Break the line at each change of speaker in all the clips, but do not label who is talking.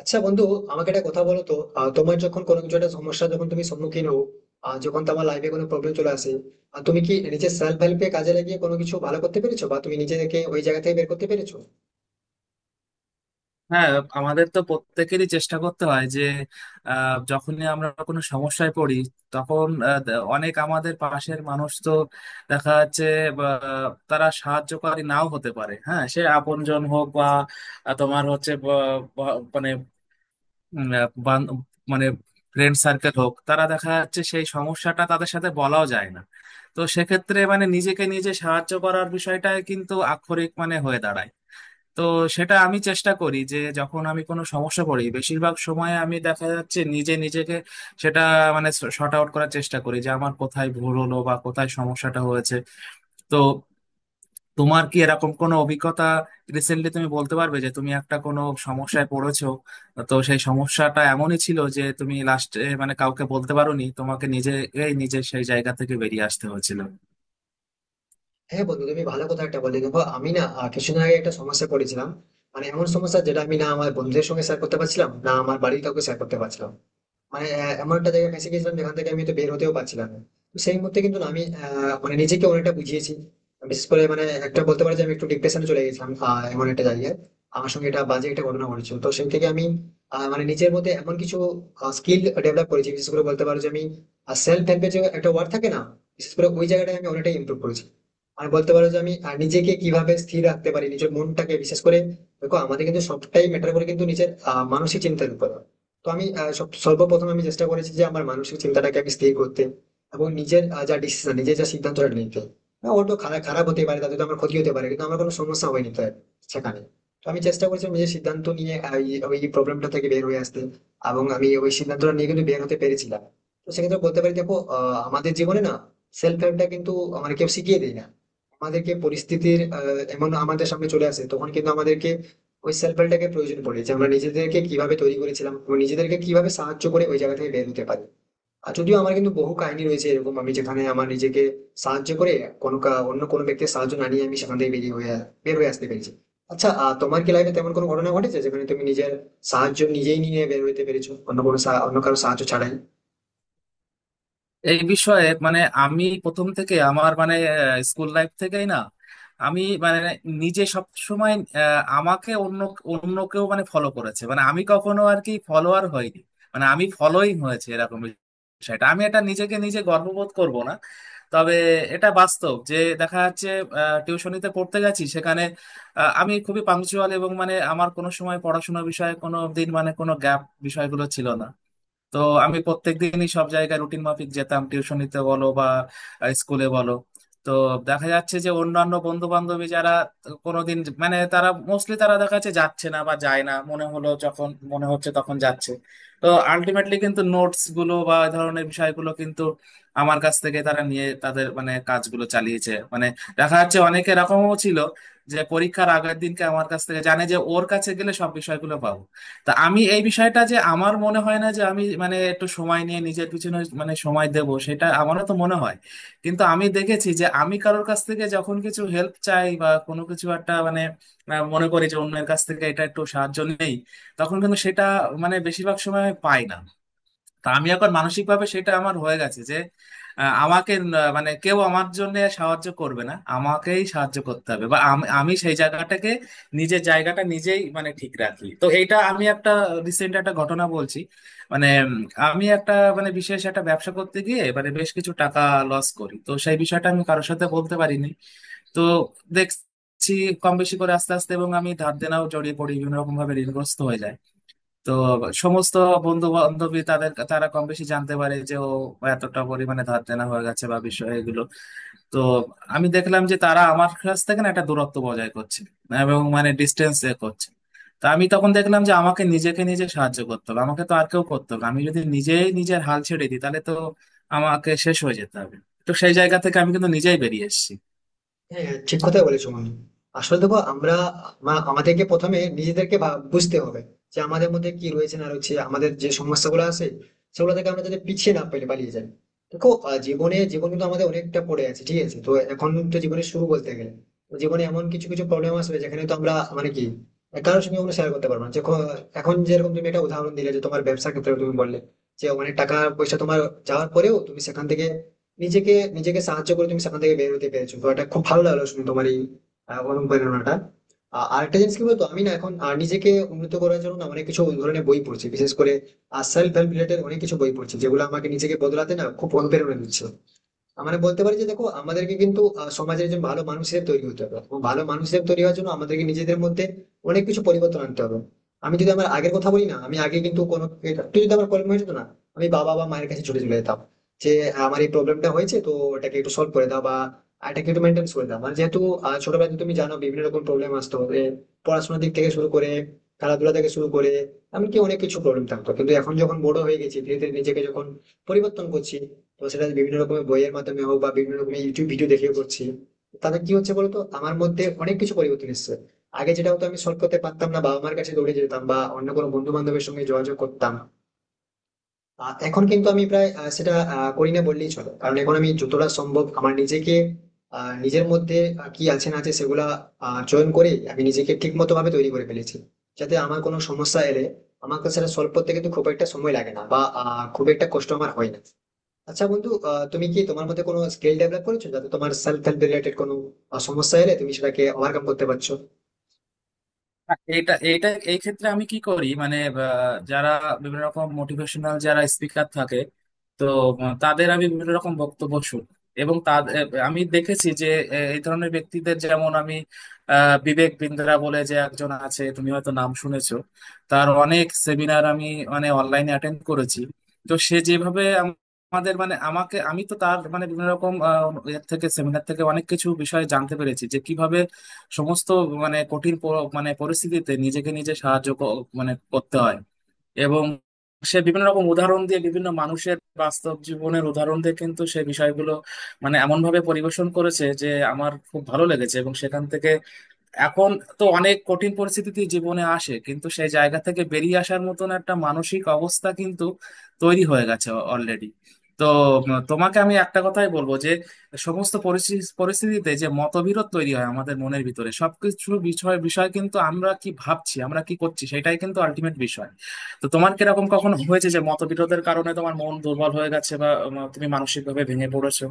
আচ্ছা বন্ধু, আমাকে একটা কথা বলো তো। তোমার যখন কোনো কিছু একটা সমস্যা, যখন তুমি সম্মুখীন হও, যখন তোমার লাইফে কোনো প্রবলেম চলে আসে, আর তুমি কি নিজের সেলফ হেল্পে কাজে লাগিয়ে কোনো কিছু ভালো করতে পেরেছো, বা তুমি নিজেকে ওই জায়গা থেকে বের করতে পেরেছো?
হ্যাঁ, আমাদের তো প্রত্যেকেরই চেষ্টা করতে হয় যে যখনই আমরা কোনো সমস্যায় পড়ি, তখন অনেক আমাদের পাশের মানুষ তো দেখা যাচ্ছে বা, তারা সাহায্যকারী নাও হতে পারে। হ্যাঁ, সে আপনজন হোক বা তোমার হচ্ছে বা, বা, মানে, উম, আহ, বান- মানে ফ্রেন্ড সার্কেল হোক, তারা দেখা যাচ্ছে সেই সমস্যাটা তাদের সাথে বলাও যায় না। তো সেক্ষেত্রে মানে নিজেকে নিজে সাহায্য করার বিষয়টা কিন্তু আক্ষরিক মানে হয়ে দাঁড়ায়। তো সেটা আমি চেষ্টা করি যে যখন আমি কোনো সমস্যা করি, বেশিরভাগ সময় আমি দেখা যাচ্ছে নিজে নিজেকে সেটা মানে শর্ট আউট করার চেষ্টা করি যে আমার কোথায় ভুল হলো বা কোথায় সমস্যাটা হয়েছে। তো তোমার কি এরকম কোনো অভিজ্ঞতা রিসেন্টলি তুমি বলতে পারবে যে তুমি একটা কোনো সমস্যায় পড়েছো? তো সেই সমস্যাটা এমনই ছিল যে তুমি লাস্টে মানে কাউকে বলতে পারোনি, তোমাকে নিজে নিজে সেই জায়গা থেকে বেরিয়ে আসতে হয়েছিল?
হ্যাঁ বন্ধু, তুমি ভালো কথা একটা বললে। দেখো, আমি না কিছুদিন আগে একটা সমস্যা পড়েছিলাম। মানে এমন সমস্যা, যেটা আমি না আমার বন্ধুদের সঙ্গে শেয়ার করতে পারছিলাম না, আমার বাড়ির কাউকে শেয়ার করতে পারছিলাম। মানে এমন একটা জায়গায় ফেঁসে গেছিলাম, যেখান থেকে আমি তো বের হতেও পারছিলাম না। তো সেই মুহূর্তে কিন্তু না আমি মানে নিজেকে অনেকটা বুঝিয়েছি। বিশেষ করে মানে একটা বলতে পারি যে আমি একটু ডিপ্রেশনে চলে গেছিলাম। এমন একটা জায়গায় আমার সঙ্গে এটা বাজে একটা ঘটনা ঘটেছিল, তো সেই থেকে আমি মানে নিজের মধ্যে এমন কিছু স্কিল ডেভেলপ করেছি। বিশেষ করে বলতে পারো যে আমি সেলফ হেল্পে যে একটা ওয়ার্ড থাকে না, বিশেষ করে ওই জায়গাটায় আমি অনেকটাই ইমপ্রুভ করেছি। আর বলতে পারো যে আমি নিজেকে কিভাবে স্থির রাখতে পারি, নিজের মনটাকে বিশেষ করে। দেখো, আমাদের কিন্তু সবটাই ম্যাটার করে কিন্তু নিজের মানসিক চিন্তার উপর। তো আমি সর্বপ্রথম আমি চেষ্টা করেছি যে আমার মানসিক চিন্তাটাকে আমি স্থির করতে, এবং নিজের যা ডিসিশন, নিজের যা সিদ্ধান্তটা নিতে। হ্যাঁ, ওর তো খারাপ খারাপ হতে পারে, তাতে তো আমার ক্ষতি হতে পারে, কিন্তু আমার কোনো সমস্যা হয়নি তার সেখানে। তো আমি চেষ্টা করেছি নিজের সিদ্ধান্ত নিয়ে ওই প্রবলেমটা থেকে বের হয়ে আসতে, এবং আমি ওই সিদ্ধান্তটা নিয়ে কিন্তু বের হতে পেরেছিলাম। তো সেক্ষেত্রে বলতে পারি, দেখো, আমাদের জীবনে না সেলফ হেল্পটা কিন্তু মানে কেউ শিখিয়ে দেয় না। আমাদেরকে পরিস্থিতির এমন আমাদের সামনে চলে আসে, তখন কিন্তু আমাদেরকে ওই সেলফ হেল্পটাকে প্রয়োজন পড়ে, যে আমরা নিজেদেরকে কিভাবে তৈরি করেছিলাম এবং নিজেদেরকে কিভাবে সাহায্য করে ওই জায়গা থেকে বের হতে পারি। আর যদিও আমার কিন্তু বহু কাহিনী রয়েছে এরকম, আমি যেখানে আমার নিজেকে সাহায্য করে অন্য কোনো ব্যক্তির সাহায্য না নিয়ে আমি সেখান থেকে বের হয়ে আসতে পেরেছি। আচ্ছা তোমার কি লাইফে তেমন কোনো ঘটনা ঘটেছে, যেখানে তুমি নিজের সাহায্য নিজেই নিয়ে বের হতে পেরেছো, অন্য কারো সাহায্য ছাড়াই?
এই বিষয়ে মানে আমি প্রথম থেকে আমার মানে স্কুল লাইফ থেকেই না আমি মানে নিজে সব সময় আমাকে অন্য অন্য কেউ মানে ফলো করেছে, মানে আমি কখনো আর কি ফলোয়ার হইনি, মানে আমি ফলোইং হয়েছে এরকম বিষয়টা। আমি এটা নিজেকে নিজে গর্ববোধ করব না, তবে এটা বাস্তব যে দেখা যাচ্ছে টিউশনিতে পড়তে গেছি সেখানে আমি খুবই পাংচুয়াল, এবং মানে আমার কোনো সময় পড়াশোনা বিষয়ে কোনো দিন মানে কোনো গ্যাপ বিষয়গুলো ছিল না। তো আমি প্রত্যেকদিনই সব জায়গায় রুটিন মাফিক যেতাম, টিউশনিতে বলো বা স্কুলে বলো। তো দেখা যাচ্ছে যে অন্যান্য বন্ধু বান্ধবী যারা কোনোদিন মানে তারা মোস্টলি তারা দেখা যাচ্ছে যাচ্ছে না বা যায় না, মনে হলো যখন মনে হচ্ছে তখন যাচ্ছে। তো আলটিমেটলি কিন্তু নোটস গুলো বা এই ধরনের বিষয়গুলো কিন্তু আমার কাছ থেকে তারা নিয়ে তাদের মানে কাজগুলো চালিয়েছে। মানে দেখা যাচ্ছে অনেকে এরকমও ছিল যে পরীক্ষার আগের দিনকে আমার কাছ থেকে জানে যে ওর কাছে গেলে সব বিষয়গুলো পাবো। তা আমি এই বিষয়টা যে আমার মনে হয় না যে আমি মানে একটু সময় নিয়ে নিজের পিছনে মানে সময় দেব, সেটা আমারও তো মনে হয়। কিন্তু আমি দেখেছি যে আমি কারোর কাছ থেকে যখন কিছু হেল্প চাই বা কোনো কিছু একটা মানে মনে করি যে অন্যের কাছ থেকে এটা একটু সাহায্য নেই, তখন কিন্তু সেটা মানে বেশিরভাগ সময় আমি পাই না। তা আমি এখন মানসিক ভাবে সেটা আমার হয়ে গেছে যে মানে কেউ আমার জন্য সাহায্য করবে না, আমাকেই সাহায্য করতে হবে, বা আমি আমি সেই জায়গাটাকে নিজের জায়গাটা নিজেই মানে ঠিক রাখি। তো এইটা আমি একটা রিসেন্ট একটা ঘটনা বলছি। মানে উম, আমি একটা মানে বিশেষ একটা ব্যবসা করতে গিয়ে মানে বেশ কিছু টাকা লস করি। তো সেই বিষয়টা আমি কারোর সাথে বলতে পারিনি। তো দেখছি কম বেশি করে আস্তে আস্তে এবং আমি ধার দেনাও জড়িয়ে পড়ি, বিভিন্ন রকম ভাবে ঋণগ্রস্ত হয়ে যাই। তো সমস্ত বন্ধু বান্ধবী তাদের তারা কম বেশি জানতে পারে যে ও এতটা পরিমাণে ধার দেনা হয়ে গেছে বা বিষয় এগুলো। তো আমি দেখলাম যে তারা আমার কাছ থেকে না একটা দূরত্ব বজায় করছে এবং মানে ডিস্টেন্স এ করছে। তো আমি তখন দেখলাম যে আমাকে নিজেকে নিজে সাহায্য করতে হবে, আমাকে তো আর কেউ করতে হবে না। আমি যদি নিজেই নিজের হাল ছেড়ে দিই তাহলে তো আমাকে শেষ হয়ে যেতে হবে। তো সেই জায়গা থেকে আমি কিন্তু নিজেই বেরিয়ে এসেছি।
হ্যাঁ হ্যাঁ, ঠিক কথাই বলেছো মামনি। আসলে দেখো, আমরা আমাদেরকে প্রথমে নিজেদেরকে বুঝতে হবে যে আমাদের মধ্যে কি রয়েছে না রয়েছে, আমাদের যে সমস্যাগুলো আছে সেগুলো থেকে আমরা যাতে পিছিয়ে না পেলে পালিয়ে যাই। দেখো, জীবনে জীবন কিন্তু আমাদের অনেকটা পড়ে আছে, ঠিক আছে? তো এখন তো জীবনে শুরু বলতে গেলে। তো জীবনে এমন কিছু কিছু প্রবলেম আসবে যেখানে তো আমরা মানে কি কারোর সঙ্গে কোনো শেয়ার করতে পারবো না। এখন যেরকম তুমি একটা উদাহরণ দিলে যে তোমার ব্যবসার ক্ষেত্রে, তুমি বললে যে অনেক টাকা পয়সা তোমার যাওয়ার পরেও তুমি সেখান থেকে নিজেকে নিজেকে সাহায্য করে তুমি সেখান থেকে বের হতে পেরেছো। তো এটা খুব ভালো লাগলো শুনে তোমার এই অনুপ্রেরণাটা। আরেকটা জিনিস কি বলতো, আমি না এখন নিজেকে উন্নত করার জন্য না অনেক কিছু ওই ধরনের বই পড়ছি, বিশেষ করে সেলফ হেল্প রিলেটেড অনেক কিছু বই পড়ছি, যেগুলো আমাকে নিজেকে বদলাতে না খুব অনুপ্রেরণা দিচ্ছে। মানে বলতে পারি যে দেখো, আমাদেরকে কিন্তু সমাজের একজন ভালো মানুষ হিসেবে তৈরি হতে হবে, এবং ভালো মানুষ হিসেবে তৈরি হওয়ার জন্য আমাদেরকে নিজেদের মধ্যে অনেক কিছু পরিবর্তন আনতে হবে। আমি যদি আমার আগের কথা বলি না, আমি আগে কিন্তু কোনো একটু যদি আমার প্রবলেম হয়ে যেত না, আমি বাবা বা মায়ের কাছে ছুটে চলে যেতাম, যে হ্যাঁ, আমার এই প্রবলেমটা হয়েছে, তো এটাকে একটু সলভ করে দাও, বা এটাকে একটু মেনটেন্স করে দাও। মানে যেহেতু ছোটবেলাতে তুমি জানো বিভিন্ন রকম প্রবলেম আসতো, পড়াশোনার দিক থেকে শুরু করে, খেলাধুলা থেকে শুরু করে, এমনকি অনেক কিছু প্রবলেম থাকতো। কিন্তু এখন যখন বড় হয়ে গেছি, ধীরে ধীরে নিজেকে যখন পরিবর্তন করছি, তো সেটা বিভিন্ন রকমের বইয়ের মাধ্যমে হোক বা বিভিন্ন রকমের ইউটিউব ভিডিও দেখেও করছি। তাতে কি হচ্ছে বলতো, আমার মধ্যে অনেক কিছু পরিবর্তন এসেছে। আগে যেটা হতো, আমি সলভ করতে পারতাম না, বাবা মার কাছে দৌড়ে যেতাম বা অন্য কোনো বন্ধু বান্ধবের সঙ্গে যোগাযোগ করতাম। এখন কিন্তু আমি প্রায় করি না বললেই চলে, কারণ এখন আমি যতটা সম্ভব আমার নিজেকে নিজের মধ্যে কি আছে না আছে সেগুলা চয়ন করে আমি নিজেকে ঠিক মতো ভাবে তৈরি করে ফেলেছি, যাতে আমার কোনো সমস্যা এলে আমাকে সেটা সলভ করতে কিন্তু খুব একটা সময় লাগে না, বা খুব একটা কষ্ট আমার হয় না। আচ্ছা বন্ধু, তুমি কি তোমার মধ্যে কোনো স্কিল ডেভেলপ করেছো যাতে তোমার সেলফ হেল্প রিলেটেড কোনো সমস্যা এলে তুমি সেটাকে ওভারকাম করতে পারছো?
এটা এটা এই ক্ষেত্রে আমি কি করি, মানে যারা বিভিন্ন রকম মোটিভেশনাল যারা স্পিকার থাকে, তো তাদের আমি বিভিন্ন রকম বক্তব্য শুনি এবং তাদের আমি দেখেছি যে এই ধরনের ব্যক্তিদের যেমন আমি, বিবেক বিন্দ্রা বলে যে একজন আছে, তুমি হয়তো নাম শুনেছো, তার অনেক সেমিনার আমি মানে অনলাইনে অ্যাটেন্ড করেছি। তো সে যেভাবে আমাদের মানে আমাকে, আমি তো তার মানে বিভিন্ন রকম এর থেকে সেমিনার থেকে অনেক কিছু বিষয়ে জানতে পেরেছি যে কিভাবে সমস্ত মানে পরিস্থিতিতে নিজেকে নিজে মানে করতে হয়। এবং সে বিভিন্ন রকম উদাহরণ দিয়ে, বিভিন্ন মানুষের বাস্তব জীবনের উদাহরণ দিয়ে কিন্তু সে বিষয়গুলো মানে এমন ভাবে পরিবেশন করেছে যে আমার খুব ভালো লেগেছে। এবং সেখান থেকে এখন তো অনেক কঠিন পরিস্থিতি জীবনে আসে, কিন্তু সেই জায়গা থেকে বেরিয়ে আসার মতন একটা মানসিক অবস্থা কিন্তু তৈরি হয়ে গেছে অলরেডি। তো তোমাকে আমি একটা কথাই বলবো যে সমস্ত পরিস্থিতিতে যে মতবিরোধ তৈরি হয় আমাদের মনের ভিতরে, সবকিছু বিষয় বিষয় কিন্তু আমরা কি ভাবছি, আমরা কি করছি, সেটাই কিন্তু আলটিমেট বিষয়। তো তোমার কিরকম কখনো হয়েছে যে মতবিরোধের কারণে তোমার মন দুর্বল হয়ে গেছে বা তুমি মানসিকভাবে ভেঙে পড়েছো?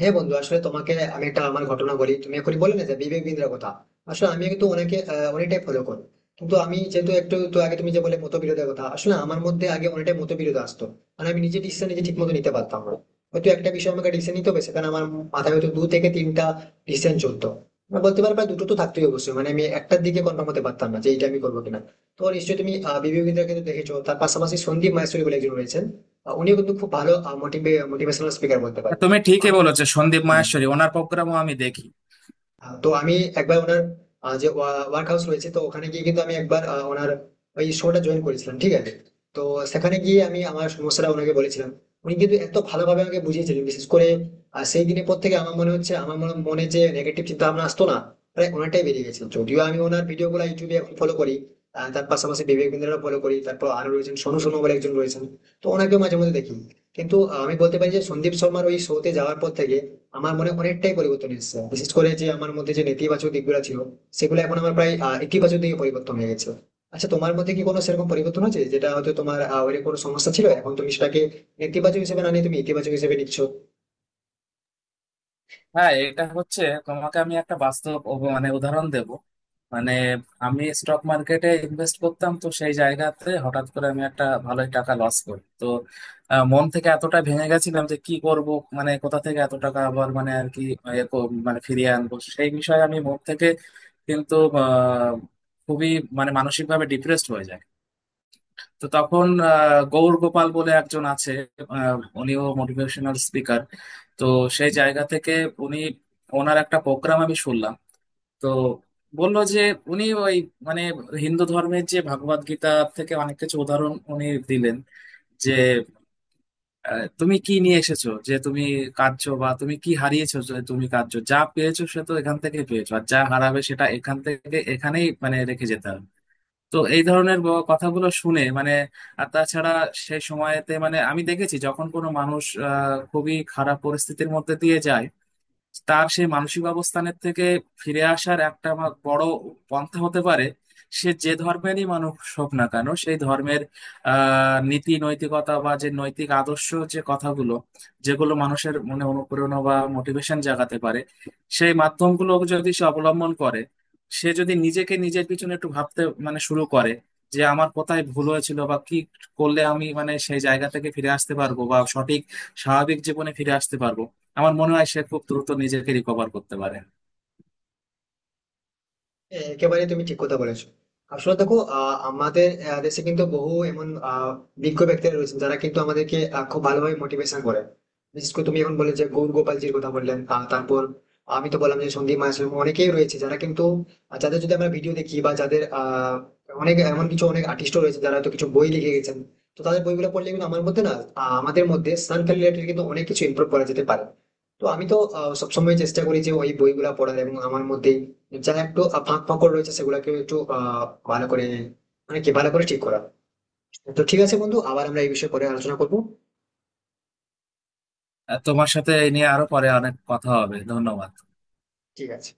হ্যাঁ বন্ধু, আসলে তোমাকে আমি একটা আমার ঘটনা বলি। তুমি এখন বলে না যে বিবেক বিন্দ্রার কথা, আসলে আমি কিন্তু ওনাকে অনেকটাই ফলো করি। কিন্তু আমি যেহেতু একটু তো আগে তুমি যে বলে মতবিরোধের কথা, আসলে আমার মধ্যে আগে অনেকটাই মতবিরোধ আসতো। মানে আমি নিজে ডিসিশন নিজে ঠিক মতো নিতে পারতাম না। হয়তো একটা বিষয় আমাকে ডিসিশন নিতে হবে, সেখানে আমার মাথায় হয়তো দু থেকে তিনটা ডিসিশন চলতো। মানে বলতে পারো প্রায় দুটো তো থাকতেই, অবশ্যই মানে আমি একটার দিকে কনফার্ম হতে পারতাম না যে এটা আমি করবো কিনা। তো নিশ্চয়ই তুমি বিবেক বিন্দ্রাকে তো দেখেছো, তার পাশাপাশি সন্দীপ মাহেশ্বরী বলে একজন রয়েছেন। উনিও কিন্তু খুব ভালো মোটিভেশনাল স্পিকার বলতে পারেন।
তুমি ঠিকই
আমি
বলেছো, সন্দীপ
হ্যাঁ,
মাহেশ্বরী ওনার প্রোগ্রামও আমি দেখি।
তো আমি একবার ওনার যে ওয়ার্ক হাউস রয়েছে, তো ওখানে গিয়ে কিন্তু আমি একবার ওনার ওই শোটা জয়েন করেছিলাম, ঠিক আছে। তো সেখানে গিয়ে আমি আমার সমস্যাটা ওনাকে বলেছিলাম। উনি কিন্তু এত ভালোভাবে আমাকে বুঝিয়েছিলেন, বিশেষ করে সেই দিনের পর থেকে আমার মনে হচ্ছে আমার মনে মনে যে নেগেটিভ চিন্তা ভাবনা আসতো না, প্রায় অনেকটাই বেরিয়ে গেছে। যদিও আমি ওনার ভিডিও গুলো ইউটিউবে এখন ফলো করি, তার পাশাপাশি বিবেক বিন্দ্রারও ফলো করি। তারপর আরো রয়েছেন সোনু সোনু বলে একজন রয়েছেন, তো ওনাকেও মাঝে মধ্যে দেখি। কিন্তু আমি বলতে পারি যে সন্দীপ শর্মার ওই শোতে যাওয়ার পর থেকে আমার মনে অনেকটাই পরিবর্তন এসেছে, বিশেষ করে যে আমার মধ্যে যে নেতিবাচক দিকগুলো ছিল, সেগুলো এখন আমার প্রায় ইতিবাচক দিকে পরিবর্তন হয়ে গেছে। আচ্ছা, তোমার মধ্যে কি কোনো সেরকম পরিবর্তন হয়েছে, যেটা হয়তো তোমার ওরকম কোনো সমস্যা ছিল, এখন তুমি সেটাকে নেতিবাচক হিসেবে না নিয়ে তুমি ইতিবাচক হিসেবে নিচ্ছ?
হ্যাঁ, এটা হচ্ছে, তোমাকে আমি একটা বাস্তব মানে উদাহরণ দেব মানে। আমি স্টক মার্কেটে ইনভেস্ট করতাম, তো সেই জায়গাতে হঠাৎ করে আমি একটা ভালোই টাকা লস করি। তো মন থেকে এতটা ভেঙে গেছিলাম যে কি করব, মানে কোথা থেকে এত টাকা আবার মানে আর কি মানে ফিরিয়ে আনবো, সেই বিষয়ে আমি মন থেকে কিন্তু আহ, খুবই মানে মানসিকভাবে ডিপ্রেসড হয়ে যায়। তো তখন গৌর গোপাল বলে একজন আছে, আহ, উনিও মোটিভেশনাল স্পিকার। তো সেই জায়গা থেকে উনি, ওনার একটা প্রোগ্রাম আমি শুনলাম। তো বললো যে উনি ওই মানে হিন্দু ধর্মের যে ভগবদ গীতা থেকে অনেক কিছু উদাহরণ উনি দিলেন, যে তুমি কি নিয়ে এসেছো যে তুমি কাঁদছো, বা তুমি কি হারিয়েছো যে তুমি কাঁদছো, যা পেয়েছো সে তো এখান থেকে পেয়েছো, আর যা হারাবে সেটা এখান থেকে এখানেই মানে রেখে যেতে হবে। তো এই ধরনের কথাগুলো শুনে মানে, আর তাছাড়া সেই সময়তে মানে আমি দেখেছি, যখন কোনো মানুষ খুবই খারাপ পরিস্থিতির মধ্যে দিয়ে যায়, তার সেই মানসিক অবস্থানের থেকে ফিরে আসার একটা আমার বড় পন্থা হতে পারে, সে যে ধর্মেরই মানুষ হোক না কেন, সেই ধর্মের আহ নীতি নৈতিকতা বা যে নৈতিক আদর্শ, যে কথাগুলো, যেগুলো মানুষের মনে অনুপ্রেরণা বা মোটিভেশন জাগাতে পারে, সেই মাধ্যমগুলো যদি সে অবলম্বন করে, সে যদি নিজেকে নিজের পিছনে একটু ভাবতে মানে শুরু করে যে আমার কোথায় ভুল হয়েছিল বা কি করলে আমি মানে সেই জায়গা থেকে ফিরে আসতে পারবো বা সঠিক স্বাভাবিক জীবনে ফিরে আসতে পারবো, আমার মনে হয় সে খুব দ্রুত নিজেকে রিকভার করতে পারে।
হ্যাঁ, একেবারে তুমি ঠিক কথা বলেছো। আসলে দেখো, আমাদের দেশে কিন্তু বহু এমন বিজ্ঞ ব্যক্তিরা রয়েছেন যারা কিন্তু আমাদেরকে খুব ভালোভাবে মোটিভেশন করে। বিশেষ করে তুমি এখন বলে যে গৌর গোপালজির কথা বললেন, তারপর আমি তো বললাম যে সন্দীপ মাহাশয়, অনেকেই রয়েছে যারা কিন্তু যাদের যদি আমরা ভিডিও দেখি, বা যাদের অনেক এমন কিছু অনেক আর্টিস্টও রয়েছে যারা তো কিছু বই লিখে গেছেন। তো তাদের বইগুলো পড়লে কিন্তু আমার মধ্যে না আমাদের মধ্যে সেলফ রিলেটেড কিন্তু অনেক কিছু ইমপ্রুভ করা যেতে পারে। তো আমি তো সবসময় চেষ্টা করি যে ওই বইগুলা পড়ার, এবং আমার মধ্যে যারা একটু ফাঁক ফোকর রয়েছে, সেগুলোকে একটু ভালো করে, মানে কি ভালো করে ঠিক করা। তো ঠিক আছে বন্ধু, আবার আমরা এই বিষয়ে পরে আলোচনা করবো।
তোমার সাথে এ নিয়ে আরো পরে অনেক কথা হবে, ধন্যবাদ।
ঠিক আছে।